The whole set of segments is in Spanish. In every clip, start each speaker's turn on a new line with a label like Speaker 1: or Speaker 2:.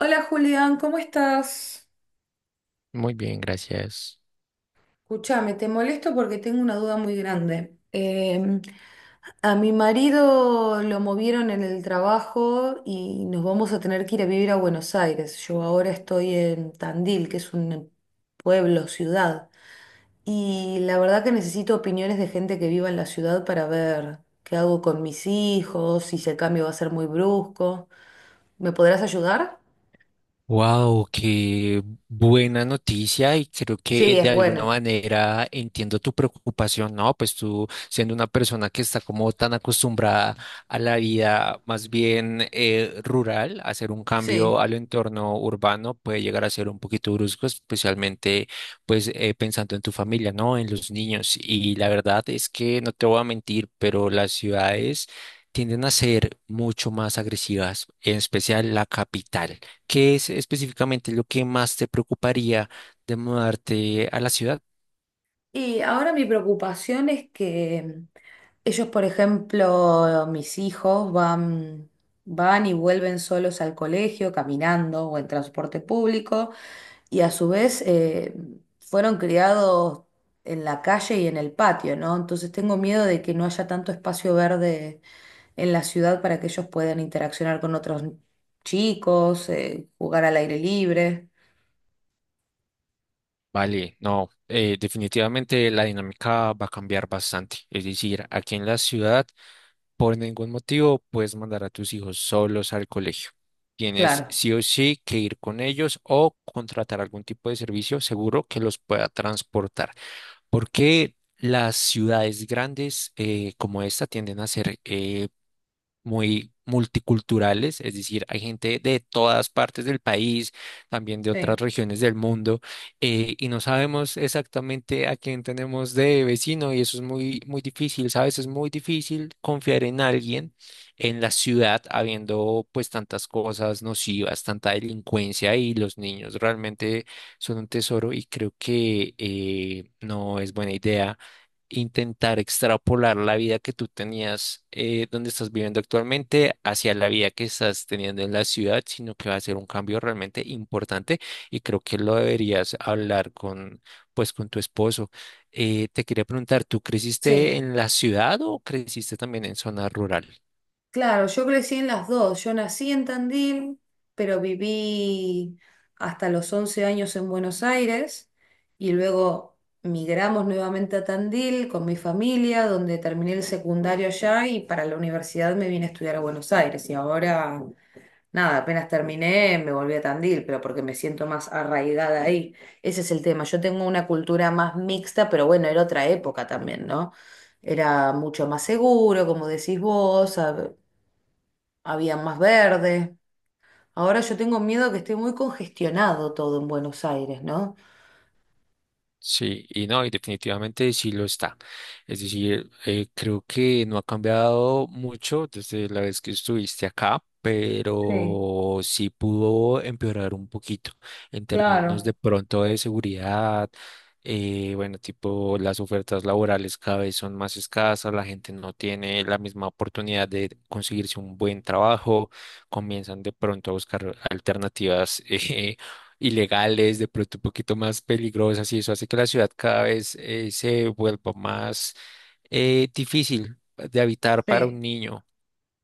Speaker 1: Hola Julián, ¿cómo estás?
Speaker 2: Muy bien, gracias.
Speaker 1: Escúchame, te molesto porque tengo una duda muy grande. A mi marido lo movieron en el trabajo y nos vamos a tener que ir a vivir a Buenos Aires. Yo ahora estoy en Tandil, que es un pueblo, ciudad. Y la verdad que necesito opiniones de gente que viva en la ciudad para ver qué hago con mis hijos, si ese cambio va a ser muy brusco. ¿Me podrás ayudar?
Speaker 2: Wow, qué buena noticia y creo que
Speaker 1: Sí,
Speaker 2: de
Speaker 1: es
Speaker 2: alguna
Speaker 1: bueno.
Speaker 2: manera entiendo tu preocupación, ¿no? Pues tú siendo una persona que está como tan acostumbrada a la vida más bien rural, hacer un cambio
Speaker 1: Sí.
Speaker 2: al entorno urbano puede llegar a ser un poquito brusco, especialmente pues pensando en tu familia, ¿no? En los niños. Y la verdad es que no te voy a mentir, pero las ciudades tienden a ser mucho más agresivas, en especial la capital. ¿Qué es específicamente lo que más te preocuparía de mudarte a la ciudad?
Speaker 1: Y ahora mi preocupación es que ellos, por ejemplo, mis hijos van y vuelven solos al colegio, caminando o en transporte público, y a su vez fueron criados en la calle y en el patio, ¿no? Entonces tengo miedo de que no haya tanto espacio verde en la ciudad para que ellos puedan interaccionar con otros chicos, jugar al aire libre.
Speaker 2: Vale, no, definitivamente la dinámica va a cambiar bastante. Es decir, aquí en la ciudad, por ningún motivo, puedes mandar a tus hijos solos al colegio. Tienes
Speaker 1: Claro,
Speaker 2: sí o sí que ir con ellos o contratar algún tipo de servicio seguro que los pueda transportar. Porque las ciudades grandes como esta tienden a ser muy multiculturales, es decir, hay gente de todas partes del país, también de otras
Speaker 1: sí,
Speaker 2: regiones del mundo, y no sabemos exactamente a quién tenemos de vecino y eso es muy, muy difícil, ¿sabes? Es muy difícil confiar en alguien en la ciudad habiendo pues tantas cosas nocivas, tanta delincuencia y los niños realmente son un tesoro y creo que no es buena idea intentar extrapolar la vida que tú tenías donde estás viviendo actualmente hacia la vida que estás teniendo en la ciudad, sino que va a ser un cambio realmente importante y creo que lo deberías hablar con, pues, con tu esposo. Te quería preguntar, ¿tú
Speaker 1: sí.
Speaker 2: creciste en la ciudad o creciste también en zona rural?
Speaker 1: Claro, yo crecí en las dos. Yo nací en Tandil, pero viví hasta los 11 años en Buenos Aires y luego migramos nuevamente a Tandil con mi familia, donde terminé el secundario allá y para la universidad me vine a estudiar a Buenos Aires. Y ahora, nada, apenas terminé, me volví a Tandil, pero porque me siento más arraigada ahí. Ese es el tema. Yo tengo una cultura más mixta, pero bueno, era otra época también, ¿no? Era mucho más seguro, como decís vos, había más verde. Ahora yo tengo miedo que esté muy congestionado todo en Buenos Aires, ¿no?
Speaker 2: Sí, y no, y definitivamente sí lo está. Es decir, creo que no ha cambiado mucho desde la vez que estuviste acá,
Speaker 1: Sí,
Speaker 2: pero sí pudo empeorar un poquito en términos
Speaker 1: claro,
Speaker 2: de pronto de seguridad. Bueno, tipo las ofertas laborales cada vez son más escasas, la gente no tiene la misma oportunidad de conseguirse un buen trabajo, comienzan de pronto a buscar alternativas ilegales, de pronto un poquito más peligrosas, y eso hace que la ciudad cada vez se vuelva más difícil de habitar para un
Speaker 1: sí,
Speaker 2: niño.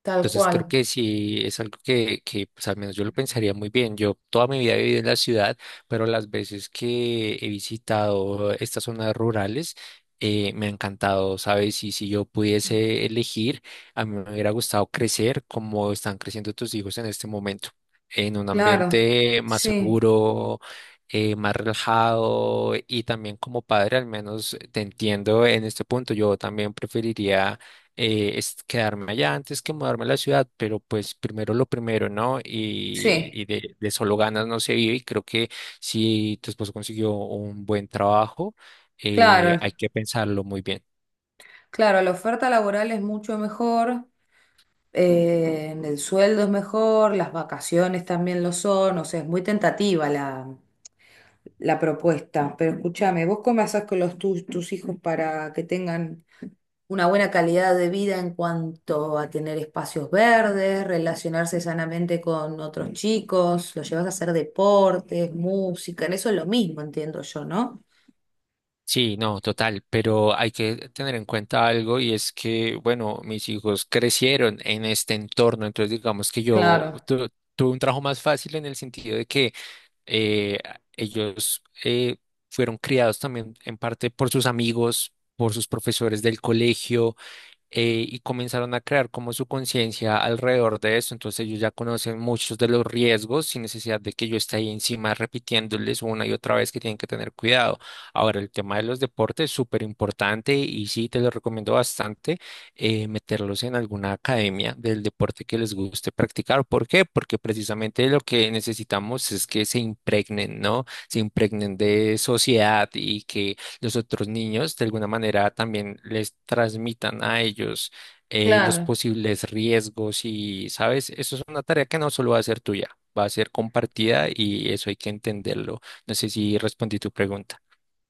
Speaker 1: tal
Speaker 2: Entonces creo
Speaker 1: cual,
Speaker 2: que sí es algo que pues, al menos yo lo pensaría muy bien. Yo toda mi vida he vivido en la ciudad, pero las veces que he visitado estas zonas rurales me ha encantado, ¿sabes? Y si yo pudiese elegir, a mí me hubiera gustado crecer como están creciendo tus hijos en este momento, en un
Speaker 1: claro,
Speaker 2: ambiente más
Speaker 1: sí,
Speaker 2: seguro. Más relajado y también como padre al menos te entiendo en este punto yo también preferiría es quedarme allá antes que mudarme a la ciudad, pero pues primero lo primero, ¿no? Y,
Speaker 1: sí,
Speaker 2: y de solo ganas no se vive y creo que si tu esposo consiguió un buen trabajo,
Speaker 1: claro,
Speaker 2: hay que pensarlo muy bien.
Speaker 1: claro, la oferta laboral es mucho mejor, el sueldo es mejor, las vacaciones también lo son, o sea, es muy tentativa la, la propuesta, pero escúchame, ¿vos cómo haces con tus hijos para que tengan una buena calidad de vida en cuanto a tener espacios verdes, relacionarse sanamente con otros chicos, lo llevas a hacer deportes, música, en eso es lo mismo, entiendo yo, ¿no?
Speaker 2: Sí, no, total, pero hay que tener en cuenta algo y es que, bueno, mis hijos crecieron en este entorno, entonces digamos que yo
Speaker 1: Claro,
Speaker 2: tuve un trabajo más fácil en el sentido de que eh, ellos fueron criados también en parte por sus amigos, por sus profesores del colegio y comenzaron a crear como su conciencia alrededor de eso. Entonces ellos ya conocen muchos de los riesgos sin necesidad de que yo esté ahí encima repitiéndoles una y otra vez que tienen que tener cuidado. Ahora, el tema de los deportes es súper importante y sí, te lo recomiendo bastante meterlos en alguna academia del deporte que les guste practicar. ¿Por qué? Porque precisamente lo que necesitamos es que se impregnen, ¿no? Se impregnen de sociedad y que los otros niños de alguna manera también les transmitan a ellos los
Speaker 1: claro.
Speaker 2: posibles riesgos y, ¿sabes? Eso es una tarea que no solo va a ser tuya, va a ser compartida y eso hay que entenderlo. No sé si respondí tu pregunta.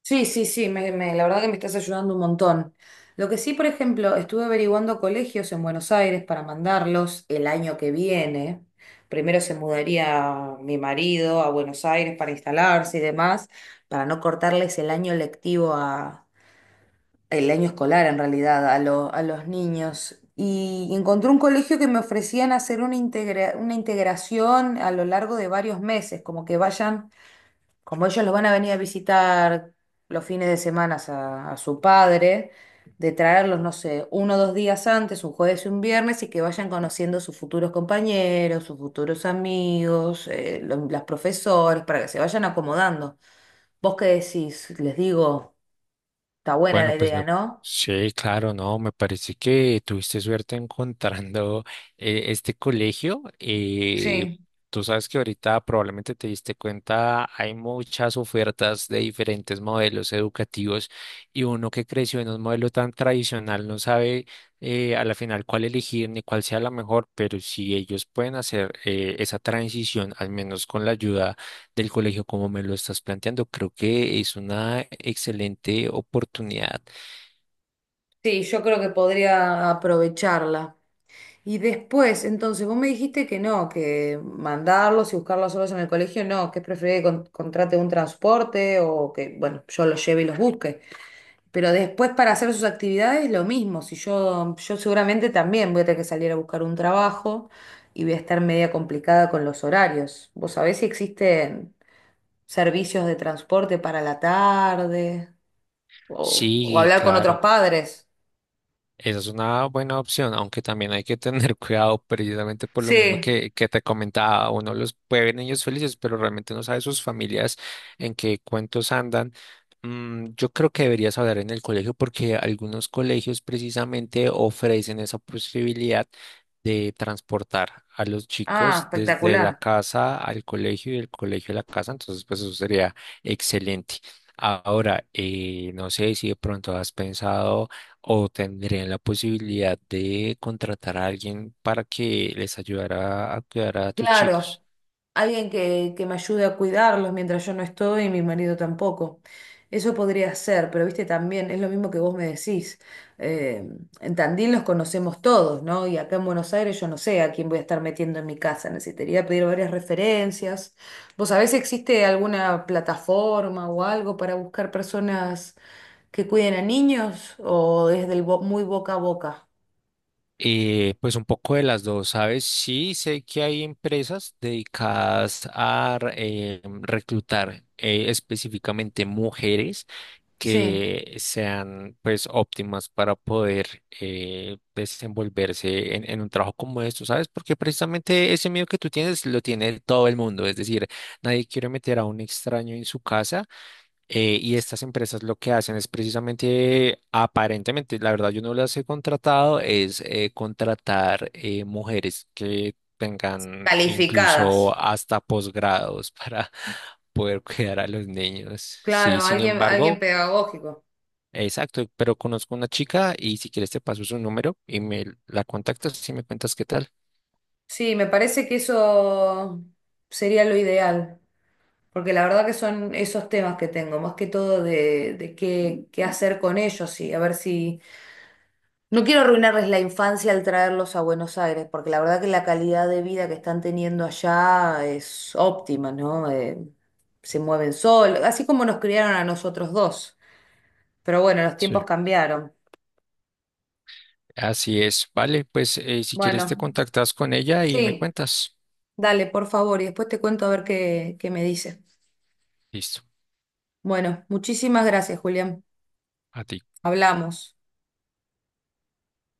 Speaker 1: Sí, sí, sí, la verdad que me estás ayudando un montón. Lo que sí, por ejemplo, estuve averiguando colegios en Buenos Aires para mandarlos el año que viene. Primero se mudaría mi marido a Buenos Aires para instalarse y demás, para no cortarles el año lectivo, el año escolar en realidad a los niños, y encontré un colegio que me ofrecían hacer una integración a lo largo de varios meses, como que vayan, como ellos los van a venir a visitar los fines de semana a su padre, de traerlos, no sé, uno o dos días antes, un jueves y un viernes, y que vayan conociendo sus futuros compañeros, sus futuros amigos, las profesores, para que se vayan acomodando. ¿Vos qué decís? Les digo, está buena
Speaker 2: Bueno,
Speaker 1: la
Speaker 2: pues
Speaker 1: idea,
Speaker 2: me,
Speaker 1: ¿no?
Speaker 2: sí, claro, no, me parece que tuviste suerte encontrando este colegio.
Speaker 1: Sí.
Speaker 2: Tú sabes que ahorita probablemente te diste cuenta, hay muchas ofertas de diferentes modelos educativos y uno que creció en un modelo tan tradicional no sabe a la final cuál elegir ni cuál sea la mejor, pero si ellos pueden hacer esa transición, al menos con la ayuda del colegio como me lo estás planteando, creo que es una excelente oportunidad.
Speaker 1: Sí, yo creo que podría aprovecharla. Y después, entonces, vos me dijiste que no, que mandarlos y buscarlos solos en el colegio, no, que es preferible que contrate un transporte o que, bueno, yo los lleve y los busque. Pero después para hacer sus actividades, lo mismo. Si yo, yo seguramente también voy a tener que salir a buscar un trabajo y voy a estar media complicada con los horarios. ¿Vos sabés si existen servicios de transporte para la tarde o
Speaker 2: Sí,
Speaker 1: hablar con otros
Speaker 2: claro.
Speaker 1: padres?
Speaker 2: Esa es una buena opción, aunque también hay que tener cuidado precisamente por lo mismo
Speaker 1: Sí.
Speaker 2: que te comentaba. Uno los puede ver niños felices, pero realmente no sabe sus familias en qué cuentos andan. Yo creo que deberías hablar en el colegio porque algunos colegios precisamente ofrecen esa posibilidad de transportar a los
Speaker 1: Ah,
Speaker 2: chicos desde la
Speaker 1: espectacular.
Speaker 2: casa al colegio y del colegio a la casa. Entonces, pues eso sería excelente. Ahora, no sé si de pronto has pensado o tendrían la posibilidad de contratar a alguien para que les ayudara a cuidar a tus
Speaker 1: Claro,
Speaker 2: chicos.
Speaker 1: alguien que me ayude a cuidarlos mientras yo no estoy y mi marido tampoco. Eso podría ser, pero viste, también es lo mismo que vos me decís. Eh, en Tandil los conocemos todos, ¿no? Y acá en Buenos Aires yo no sé a quién voy a estar metiendo en mi casa. Necesitaría pedir varias referencias. ¿Vos sabés si existe alguna plataforma o algo para buscar personas que cuiden a niños o desde el muy boca a boca?
Speaker 2: Pues un poco de las dos, ¿sabes? Sí, sé que hay empresas dedicadas a reclutar específicamente mujeres
Speaker 1: Sí,
Speaker 2: que sean pues óptimas para poder desenvolverse en un trabajo como esto, ¿sabes? Porque precisamente ese miedo que tú tienes lo tiene todo el mundo, es decir, nadie quiere meter a un extraño en su casa. Y estas empresas lo que hacen es precisamente, aparentemente, la verdad yo no las he contratado, es contratar mujeres que tengan
Speaker 1: calificadas.
Speaker 2: incluso hasta posgrados para poder cuidar a los niños. Sí,
Speaker 1: Claro,
Speaker 2: sin
Speaker 1: alguien, alguien
Speaker 2: embargo,
Speaker 1: pedagógico.
Speaker 2: exacto, pero conozco una chica y si quieres te paso su número y me la contactas y me cuentas qué tal.
Speaker 1: Sí, me parece que eso sería lo ideal, porque la verdad que son esos temas que tengo, más que todo de qué, hacer con ellos y a ver si... No quiero arruinarles la infancia al traerlos a Buenos Aires, porque la verdad que la calidad de vida que están teniendo allá es óptima, ¿no? Se mueven solos, así como nos criaron a nosotros dos. Pero bueno, los
Speaker 2: Sí,
Speaker 1: tiempos cambiaron.
Speaker 2: así es, vale, pues si quieres te
Speaker 1: Bueno,
Speaker 2: contactas con ella y me
Speaker 1: sí,
Speaker 2: cuentas.
Speaker 1: dale, por favor, y después te cuento a ver qué, qué me dices.
Speaker 2: Listo,
Speaker 1: Bueno, muchísimas gracias, Julián.
Speaker 2: a ti.
Speaker 1: Hablamos.